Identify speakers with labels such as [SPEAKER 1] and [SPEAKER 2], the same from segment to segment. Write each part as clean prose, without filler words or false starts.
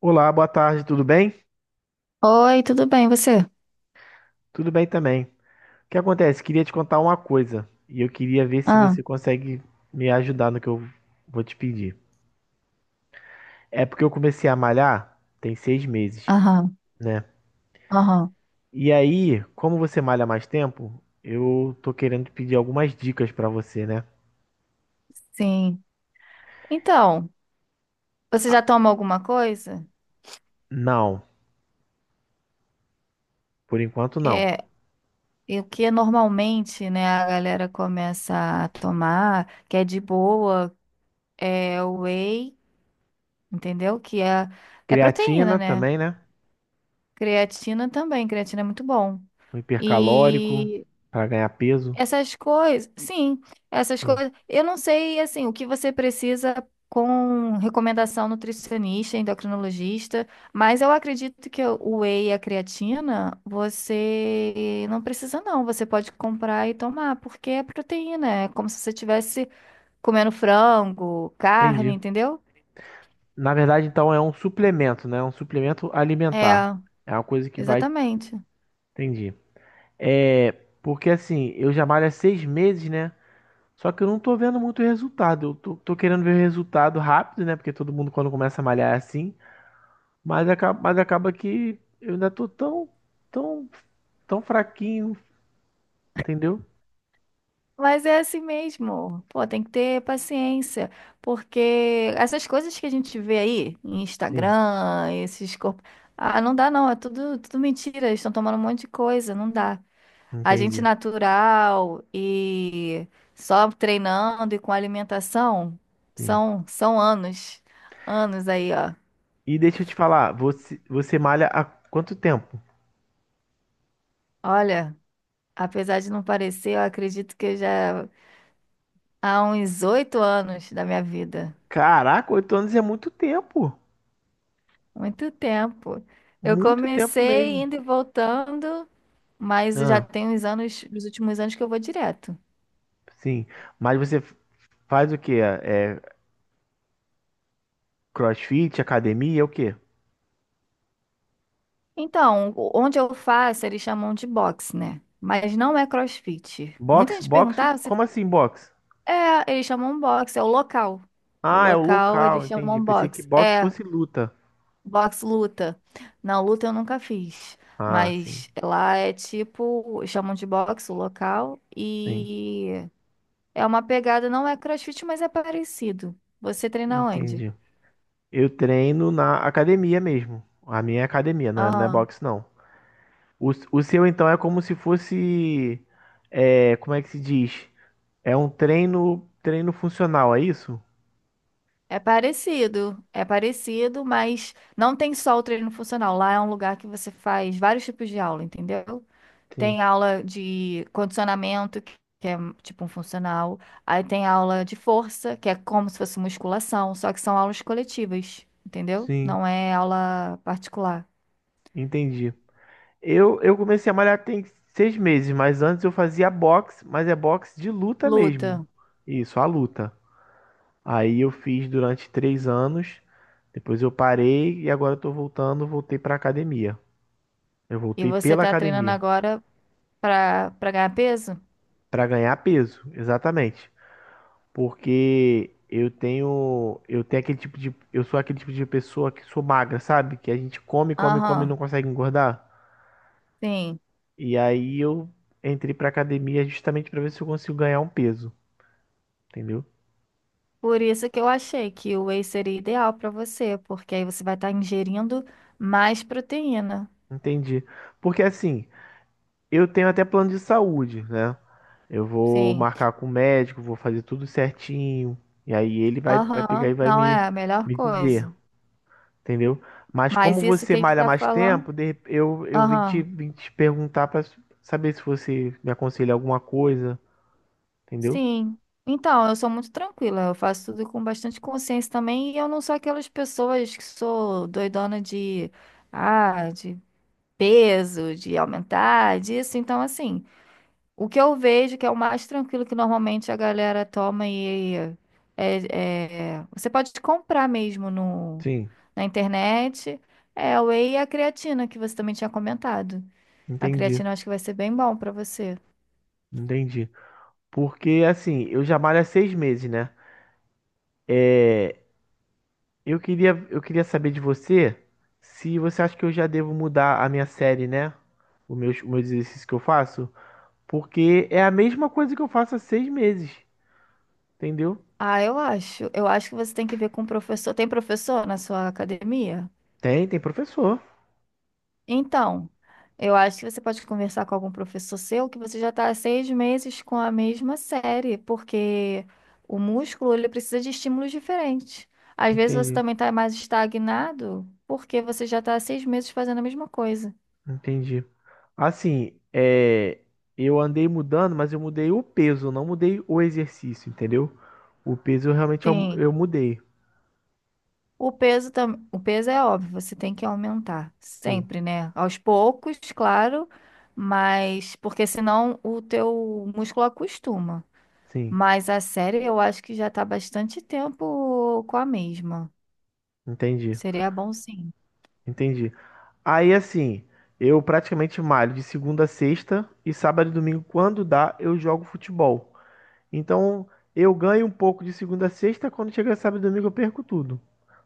[SPEAKER 1] Olá, boa tarde, tudo bem?
[SPEAKER 2] Oi, tudo bem, você?
[SPEAKER 1] Tudo bem também. O que acontece? Queria te contar uma coisa e eu queria ver se
[SPEAKER 2] Ah,
[SPEAKER 1] você consegue me ajudar no que eu vou te pedir. É porque eu comecei a malhar tem 6 meses,
[SPEAKER 2] aham,
[SPEAKER 1] né?
[SPEAKER 2] aham,
[SPEAKER 1] E aí, como você malha mais tempo, eu tô querendo pedir algumas dicas pra você, né?
[SPEAKER 2] sim. Então, você já toma alguma coisa?
[SPEAKER 1] Não, por enquanto não.
[SPEAKER 2] É, e o que é normalmente, né, a galera começa a tomar, que é de boa, é o whey, entendeu? É proteína,
[SPEAKER 1] Creatina
[SPEAKER 2] né?
[SPEAKER 1] também, né?
[SPEAKER 2] Creatina também, creatina é muito bom.
[SPEAKER 1] Um hipercalórico
[SPEAKER 2] E
[SPEAKER 1] pra ganhar peso.
[SPEAKER 2] Essas coisas, sim, essas
[SPEAKER 1] Sim,
[SPEAKER 2] coisas. Eu não sei, assim, o que você precisa com recomendação nutricionista, endocrinologista, mas eu acredito que o whey e a creatina, você não precisa não, você pode comprar e tomar, porque é proteína, é como se você estivesse comendo frango, carne,
[SPEAKER 1] entendi.
[SPEAKER 2] entendeu?
[SPEAKER 1] Na verdade, então, é um suplemento, né? É um suplemento alimentar.
[SPEAKER 2] É,
[SPEAKER 1] É uma coisa que vai.
[SPEAKER 2] exatamente.
[SPEAKER 1] Entendi. É. Porque assim, eu já malho há 6 meses, né? Só que eu não tô vendo muito resultado. Eu tô querendo ver o resultado rápido, né? Porque todo mundo quando começa a malhar é assim. Mas acaba que eu ainda tô tão, tão, tão fraquinho, entendeu?
[SPEAKER 2] Mas é assim mesmo. Pô, tem que ter paciência, porque essas coisas que a gente vê aí, em
[SPEAKER 1] Sim,
[SPEAKER 2] Instagram, esses corpos. Ah, não dá não, é tudo mentira, eles estão tomando um monte de coisa, não dá. A gente
[SPEAKER 1] entendi.
[SPEAKER 2] natural e só treinando e com alimentação,
[SPEAKER 1] Sim.
[SPEAKER 2] são anos, anos aí, ó.
[SPEAKER 1] E deixa eu te falar, você malha há quanto tempo?
[SPEAKER 2] Olha, apesar de não parecer, eu acredito que eu já há uns 8 anos da minha vida.
[SPEAKER 1] Caraca, 8 anos é muito tempo.
[SPEAKER 2] Muito tempo. Eu
[SPEAKER 1] Muito tempo
[SPEAKER 2] comecei
[SPEAKER 1] mesmo.
[SPEAKER 2] indo e voltando, mas já
[SPEAKER 1] Ah,
[SPEAKER 2] tem uns anos, nos últimos anos que eu vou direto.
[SPEAKER 1] sim. Mas você faz o quê? É CrossFit, academia, é o quê?
[SPEAKER 2] Então, onde eu faço, eles chamam de boxe, né? Mas não é CrossFit. Muita
[SPEAKER 1] Boxe?
[SPEAKER 2] gente
[SPEAKER 1] Boxe?
[SPEAKER 2] perguntava se
[SPEAKER 1] Como assim boxe?
[SPEAKER 2] é, eles chamam boxe, é o local. O
[SPEAKER 1] Ah, é o
[SPEAKER 2] local
[SPEAKER 1] local,
[SPEAKER 2] eles
[SPEAKER 1] entendi.
[SPEAKER 2] chamam
[SPEAKER 1] Pensei que
[SPEAKER 2] boxe.
[SPEAKER 1] boxe
[SPEAKER 2] É,
[SPEAKER 1] fosse luta.
[SPEAKER 2] boxe luta. Não, luta eu nunca fiz.
[SPEAKER 1] Ah, sim,
[SPEAKER 2] Mas lá é tipo, chamam de boxe o local
[SPEAKER 1] sim,
[SPEAKER 2] E É uma pegada, não é CrossFit, mas é parecido. Você treina onde?
[SPEAKER 1] entendi. Eu treino na academia mesmo. A minha é academia, não é
[SPEAKER 2] Aham.
[SPEAKER 1] boxe, não. O seu, então, é como se fosse. É, como é que se diz? É um treino funcional, é isso?
[SPEAKER 2] É parecido, mas não tem só o treino funcional. Lá é um lugar que você faz vários tipos de aula, entendeu?
[SPEAKER 1] Sim,
[SPEAKER 2] Tem aula de condicionamento, que é tipo um funcional. Aí tem aula de força, que é como se fosse musculação, só que são aulas coletivas, entendeu?
[SPEAKER 1] sim,
[SPEAKER 2] Não é aula particular.
[SPEAKER 1] entendi. Eu comecei a malhar tem seis meses, mas antes eu fazia boxe, mas é boxe de luta mesmo.
[SPEAKER 2] Luta.
[SPEAKER 1] Isso, a luta. Aí eu fiz durante 3 anos, depois eu parei e agora eu tô voltando, voltei pra academia. Eu
[SPEAKER 2] E
[SPEAKER 1] voltei
[SPEAKER 2] você
[SPEAKER 1] pela
[SPEAKER 2] tá treinando
[SPEAKER 1] academia
[SPEAKER 2] agora pra ganhar peso?
[SPEAKER 1] pra ganhar peso, exatamente. Porque eu sou aquele tipo de pessoa que sou magra, sabe? Que a gente come, come, come e não
[SPEAKER 2] Aham.
[SPEAKER 1] consegue engordar.
[SPEAKER 2] Sim.
[SPEAKER 1] E aí eu entrei pra academia justamente pra ver se eu consigo ganhar um peso. Entendeu?
[SPEAKER 2] Por isso que eu achei que o whey seria ideal para você, porque aí você vai estar ingerindo mais proteína.
[SPEAKER 1] Entendi. Porque assim, eu tenho até plano de saúde, né? Eu vou
[SPEAKER 2] Sim.
[SPEAKER 1] marcar com o médico, vou fazer tudo certinho. E aí ele vai pegar e
[SPEAKER 2] Aham.
[SPEAKER 1] vai
[SPEAKER 2] Não
[SPEAKER 1] me,
[SPEAKER 2] é a melhor
[SPEAKER 1] me dizer,
[SPEAKER 2] coisa.
[SPEAKER 1] entendeu? Mas como
[SPEAKER 2] Mas isso
[SPEAKER 1] você
[SPEAKER 2] que a gente
[SPEAKER 1] malha
[SPEAKER 2] está
[SPEAKER 1] mais
[SPEAKER 2] falando.
[SPEAKER 1] tempo, eu vim te,
[SPEAKER 2] Aham.
[SPEAKER 1] vim te perguntar pra saber se você me aconselha alguma coisa, entendeu?
[SPEAKER 2] Sim. Então, eu sou muito tranquila. Eu faço tudo com bastante consciência também. E eu não sou aquelas pessoas que sou doidona de. Ah, de peso, de aumentar, disso. Então, assim. O que eu vejo que é o mais tranquilo que normalmente a galera toma e você pode comprar mesmo no,
[SPEAKER 1] Sim,
[SPEAKER 2] na internet é o whey e a creatina que você também tinha comentado. A
[SPEAKER 1] entendi,
[SPEAKER 2] creatina eu acho que vai ser bem bom pra você.
[SPEAKER 1] entendi. Porque assim, eu já malho há seis meses, né? Eu queria saber de você se você acha que eu já devo mudar a minha série, né? Os meus exercícios que eu faço. Porque é a mesma coisa que eu faço há 6 meses, entendeu?
[SPEAKER 2] Ah, eu acho. Eu acho que você tem que ver com o professor. Tem professor na sua academia?
[SPEAKER 1] Tem, tem professor.
[SPEAKER 2] Então, eu acho que você pode conversar com algum professor seu que você já está há 6 meses com a mesma série, porque o músculo ele precisa de estímulos diferentes. Às vezes você
[SPEAKER 1] Entendi,
[SPEAKER 2] também está mais estagnado porque você já está há seis meses fazendo a mesma coisa.
[SPEAKER 1] entendi. Assim, é, eu andei mudando, mas eu mudei o peso, não mudei o exercício, entendeu? O peso eu realmente eu,
[SPEAKER 2] Sim,
[SPEAKER 1] eu mudei.
[SPEAKER 2] o peso também, o peso é óbvio, você tem que aumentar
[SPEAKER 1] Sim,
[SPEAKER 2] sempre, né? Aos poucos, claro, mas porque senão o teu músculo acostuma.
[SPEAKER 1] sim,
[SPEAKER 2] Mas a série eu acho que já tá bastante tempo com a mesma.
[SPEAKER 1] entendi,
[SPEAKER 2] Seria bom sim.
[SPEAKER 1] entendi. Aí assim, eu praticamente malho de segunda a sexta e sábado e domingo, quando dá, eu jogo futebol. Então eu ganho um pouco de segunda a sexta, quando chega sábado e domingo eu perco tudo.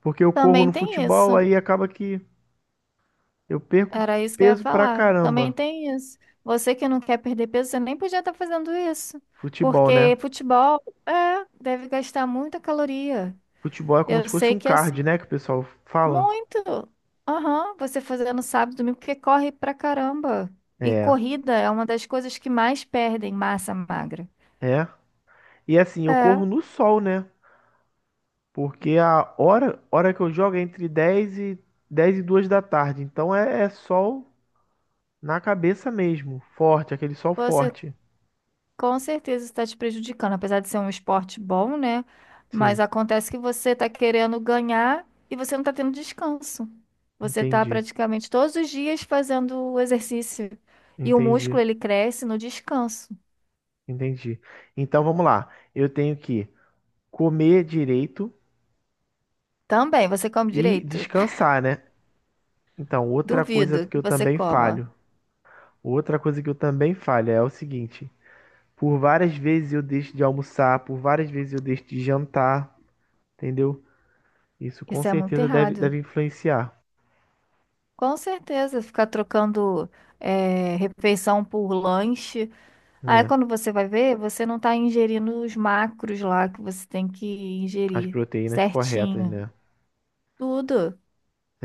[SPEAKER 1] Porque eu corro
[SPEAKER 2] Também
[SPEAKER 1] no
[SPEAKER 2] tem
[SPEAKER 1] futebol,
[SPEAKER 2] isso.
[SPEAKER 1] aí acaba que eu perco
[SPEAKER 2] Era isso que eu ia
[SPEAKER 1] peso pra
[SPEAKER 2] falar. Também
[SPEAKER 1] caramba.
[SPEAKER 2] tem isso. Você que não quer perder peso, você nem podia estar fazendo isso.
[SPEAKER 1] Futebol,
[SPEAKER 2] Porque
[SPEAKER 1] né?
[SPEAKER 2] futebol, é, deve gastar muita caloria.
[SPEAKER 1] Futebol é como se
[SPEAKER 2] Eu
[SPEAKER 1] fosse
[SPEAKER 2] sei
[SPEAKER 1] um
[SPEAKER 2] que assim,
[SPEAKER 1] card, né? Que o pessoal fala.
[SPEAKER 2] muito. Aham, você fazendo sábado, domingo, porque corre pra caramba. E
[SPEAKER 1] É,
[SPEAKER 2] corrida é uma das coisas que mais perdem massa magra.
[SPEAKER 1] é. E assim, eu corro
[SPEAKER 2] É.
[SPEAKER 1] no sol, né? Porque a hora que eu jogo é entre 10 e 2 da tarde. Então é sol na cabeça mesmo, forte, aquele sol
[SPEAKER 2] Você
[SPEAKER 1] forte.
[SPEAKER 2] Com certeza está te prejudicando, apesar de ser um esporte bom, né? Mas
[SPEAKER 1] Sim,
[SPEAKER 2] acontece que você está querendo ganhar e você não está tendo descanso. Você está
[SPEAKER 1] entendi,
[SPEAKER 2] praticamente todos os dias fazendo o exercício e o
[SPEAKER 1] entendi,
[SPEAKER 2] músculo ele cresce no descanso.
[SPEAKER 1] entendi. Então vamos lá. Eu tenho que comer direito
[SPEAKER 2] Também, você come
[SPEAKER 1] e
[SPEAKER 2] direito?
[SPEAKER 1] descansar, né? Então, outra coisa
[SPEAKER 2] Duvido
[SPEAKER 1] que
[SPEAKER 2] que
[SPEAKER 1] eu
[SPEAKER 2] você
[SPEAKER 1] também
[SPEAKER 2] coma.
[SPEAKER 1] falho. Outra coisa que eu também falho é o seguinte: por várias vezes eu deixo de almoçar, por várias vezes eu deixo de jantar, entendeu? Isso com
[SPEAKER 2] Isso é muito
[SPEAKER 1] certeza deve,
[SPEAKER 2] errado.
[SPEAKER 1] deve influenciar,
[SPEAKER 2] Com certeza, ficar trocando refeição por lanche. Aí
[SPEAKER 1] né?
[SPEAKER 2] quando você vai ver, você não tá ingerindo os macros lá que você tem que
[SPEAKER 1] As
[SPEAKER 2] ingerir
[SPEAKER 1] proteínas corretas,
[SPEAKER 2] certinho.
[SPEAKER 1] né?
[SPEAKER 2] Tudo,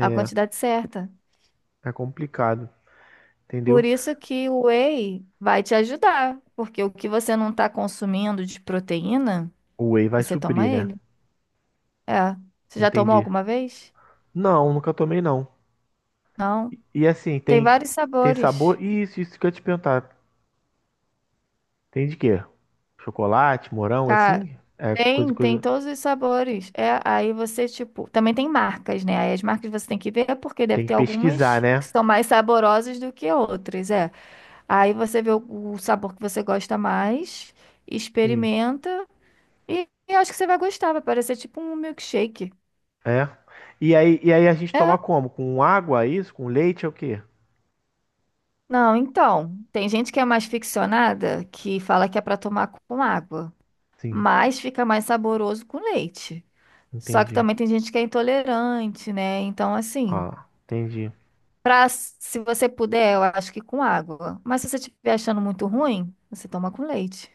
[SPEAKER 2] a quantidade certa.
[SPEAKER 1] é complicado,
[SPEAKER 2] Por
[SPEAKER 1] entendeu?
[SPEAKER 2] isso que o whey vai te ajudar, porque o que você não tá consumindo de proteína,
[SPEAKER 1] O whey vai
[SPEAKER 2] você toma
[SPEAKER 1] suprir, né?
[SPEAKER 2] ele. É. Você já tomou
[SPEAKER 1] Entendi.
[SPEAKER 2] alguma vez?
[SPEAKER 1] Não, nunca tomei não.
[SPEAKER 2] Não.
[SPEAKER 1] E assim,
[SPEAKER 2] Tem
[SPEAKER 1] tem
[SPEAKER 2] vários
[SPEAKER 1] tem
[SPEAKER 2] sabores.
[SPEAKER 1] sabor. E isso que eu ia te perguntar. Tem de quê? Chocolate, morango,
[SPEAKER 2] Tá.
[SPEAKER 1] assim? É coisa,
[SPEAKER 2] Tem, tem
[SPEAKER 1] coisa.
[SPEAKER 2] todos os sabores. É, aí você, tipo, também tem marcas, né? Aí as marcas você tem que ver, porque deve
[SPEAKER 1] Tem que
[SPEAKER 2] ter
[SPEAKER 1] pesquisar,
[SPEAKER 2] algumas que
[SPEAKER 1] né?
[SPEAKER 2] são mais saborosas do que outras, é. Aí você vê o sabor que você gosta mais,
[SPEAKER 1] Sim.
[SPEAKER 2] experimenta e acho que você vai gostar, vai parecer tipo um milkshake.
[SPEAKER 1] É. E aí, a gente toma
[SPEAKER 2] É.
[SPEAKER 1] como? Com água, é isso? Com leite é o quê?
[SPEAKER 2] Não, então, tem gente que é mais ficcionada, que fala que é pra tomar com água,
[SPEAKER 1] Sim,
[SPEAKER 2] mas fica mais saboroso com leite. Só que
[SPEAKER 1] entendi.
[SPEAKER 2] também tem gente que é intolerante, né? Então, assim,
[SPEAKER 1] Ah, entendi.
[SPEAKER 2] Pra, se você puder, eu acho que com água. Mas se você estiver achando muito ruim, você toma com leite.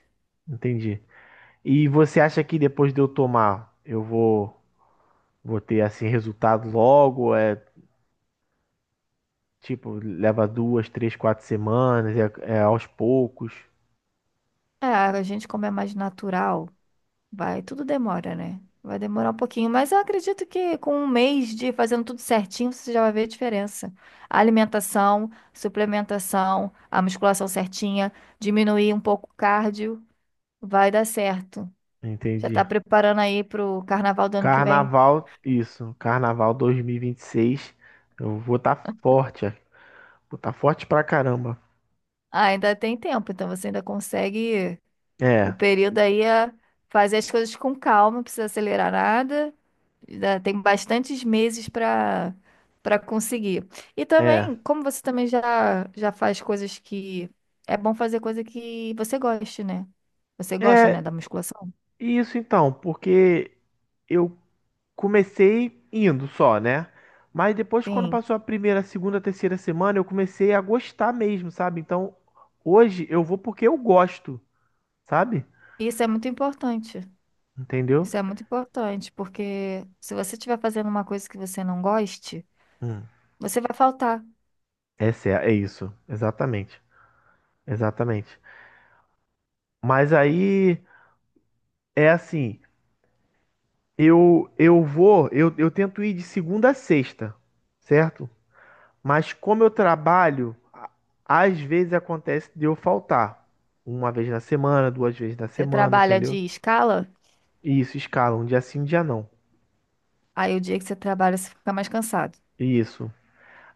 [SPEAKER 1] Entendi. E você acha que depois de eu tomar, eu vou ter assim resultado logo? É tipo, leva 2, 3, 4 semanas, é aos poucos.
[SPEAKER 2] É, a gente, como é mais natural, vai, tudo demora, né? Vai demorar um pouquinho, mas eu acredito que com 1 mês de fazendo tudo certinho, você já vai ver a diferença. A alimentação, suplementação, a musculação certinha, diminuir um pouco o cardio, vai dar certo. Já tá
[SPEAKER 1] Entendi.
[SPEAKER 2] preparando aí pro carnaval do ano que vem?
[SPEAKER 1] Carnaval, isso. Carnaval dois mil e vinte e seis. Eu vou estar forte. É, vou estar forte pra caramba.
[SPEAKER 2] Ah, ainda tem tempo, então você ainda consegue. O
[SPEAKER 1] É,
[SPEAKER 2] período aí é fazer as coisas com calma, não precisa acelerar nada. Ainda Tem bastantes meses para conseguir. E também,
[SPEAKER 1] é.
[SPEAKER 2] como você também já faz coisas que. É bom fazer coisa que você goste, né? Você gosta,
[SPEAKER 1] É
[SPEAKER 2] né, da musculação?
[SPEAKER 1] isso então, porque eu comecei indo só, né? Mas depois, quando
[SPEAKER 2] Sim.
[SPEAKER 1] passou a primeira, segunda, terceira semana, eu comecei a gostar mesmo, sabe? Então, hoje eu vou porque eu gosto, sabe?
[SPEAKER 2] Isso é muito importante.
[SPEAKER 1] Entendeu?
[SPEAKER 2] Isso é muito importante, porque se você estiver fazendo uma coisa que você não goste,
[SPEAKER 1] Hum.
[SPEAKER 2] você vai faltar.
[SPEAKER 1] Essa é isso, exatamente. Exatamente. Mas aí é assim. Eu tento ir de segunda a sexta, certo? Mas como eu trabalho, às vezes acontece de eu faltar. Uma vez na semana, duas vezes na
[SPEAKER 2] Você
[SPEAKER 1] semana,
[SPEAKER 2] trabalha de
[SPEAKER 1] entendeu?
[SPEAKER 2] escala,
[SPEAKER 1] E isso, escala, um dia sim, um dia não.
[SPEAKER 2] aí o dia que você trabalha, você fica mais cansado.
[SPEAKER 1] Isso.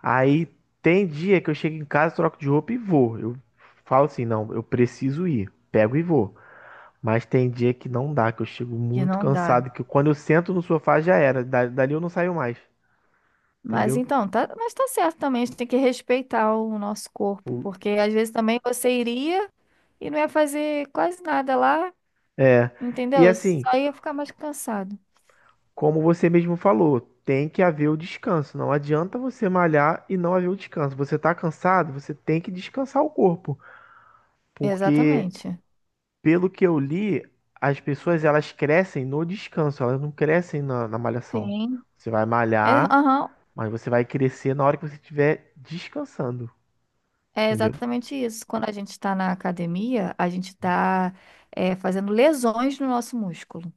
[SPEAKER 1] Aí tem dia que eu chego em casa, troco de roupa e vou. Eu falo assim, não, eu preciso ir. Pego e vou. Mas tem dia que não dá, que eu chego
[SPEAKER 2] Que
[SPEAKER 1] muito
[SPEAKER 2] não dá.
[SPEAKER 1] cansado, que quando eu sento no sofá já era. Dali eu não saio mais,
[SPEAKER 2] Mas
[SPEAKER 1] entendeu?
[SPEAKER 2] então, tá, mas tá certo também, a gente tem que respeitar o nosso corpo,
[SPEAKER 1] O-
[SPEAKER 2] porque às vezes também você iria e não ia fazer quase nada lá,
[SPEAKER 1] É. E
[SPEAKER 2] entendeu?
[SPEAKER 1] assim,
[SPEAKER 2] Só ia ficar mais cansado.
[SPEAKER 1] como você mesmo falou, tem que haver o descanso. Não adianta você malhar e não haver o descanso. Você está cansado, você tem que descansar o corpo, porque
[SPEAKER 2] Exatamente.
[SPEAKER 1] pelo que eu li, as pessoas elas crescem no descanso, elas não crescem na malhação.
[SPEAKER 2] Sim.
[SPEAKER 1] Você vai
[SPEAKER 2] É,
[SPEAKER 1] malhar,
[SPEAKER 2] aham,
[SPEAKER 1] mas você vai crescer na hora que você estiver descansando,
[SPEAKER 2] é
[SPEAKER 1] entendeu?
[SPEAKER 2] exatamente isso. Quando a gente está na academia, a gente está fazendo lesões no nosso músculo.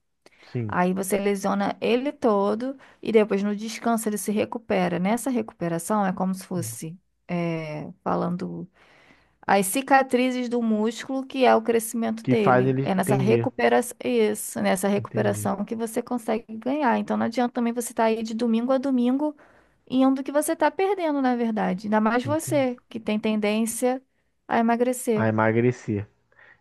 [SPEAKER 1] Sim.
[SPEAKER 2] Aí você lesiona ele todo e depois no descanso ele se recupera. Nessa recuperação é como se fosse, é, falando. As cicatrizes do músculo, que é o crescimento
[SPEAKER 1] Que faz
[SPEAKER 2] dele.
[SPEAKER 1] ele,
[SPEAKER 2] É nessa
[SPEAKER 1] entendi,
[SPEAKER 2] recuperação, isso, nessa
[SPEAKER 1] entendi,
[SPEAKER 2] recuperação que você consegue ganhar. Então não adianta também você estar aí de domingo a domingo indo que você está perdendo, na verdade. Ainda mais
[SPEAKER 1] entendi.
[SPEAKER 2] você, que tem tendência a
[SPEAKER 1] A
[SPEAKER 2] emagrecer.
[SPEAKER 1] emagrecer.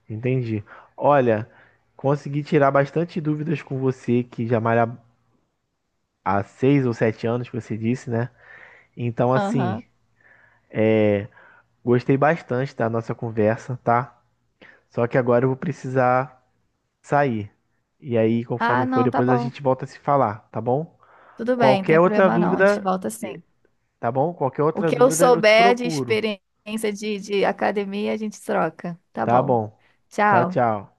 [SPEAKER 1] Entendi. Olha, consegui tirar bastante dúvidas com você, que já malha há 6 ou 7 anos, que você disse, né? Então,
[SPEAKER 2] Aham.
[SPEAKER 1] assim, gostei bastante da nossa conversa, tá? Só que agora eu vou precisar sair. E aí,
[SPEAKER 2] Ah,
[SPEAKER 1] conforme for,
[SPEAKER 2] não, tá
[SPEAKER 1] depois a
[SPEAKER 2] bom.
[SPEAKER 1] gente volta a se falar, tá bom?
[SPEAKER 2] Tudo bem, tem
[SPEAKER 1] Qualquer outra
[SPEAKER 2] problema não. A gente
[SPEAKER 1] dúvida,
[SPEAKER 2] volta
[SPEAKER 1] eh,
[SPEAKER 2] sim.
[SPEAKER 1] tá bom? Qualquer
[SPEAKER 2] O
[SPEAKER 1] outra
[SPEAKER 2] que eu
[SPEAKER 1] dúvida eu te
[SPEAKER 2] souber de
[SPEAKER 1] procuro,
[SPEAKER 2] experiência de academia, a gente troca. Tá
[SPEAKER 1] tá
[SPEAKER 2] bom.
[SPEAKER 1] bom? Tchau,
[SPEAKER 2] Tchau.
[SPEAKER 1] tchau.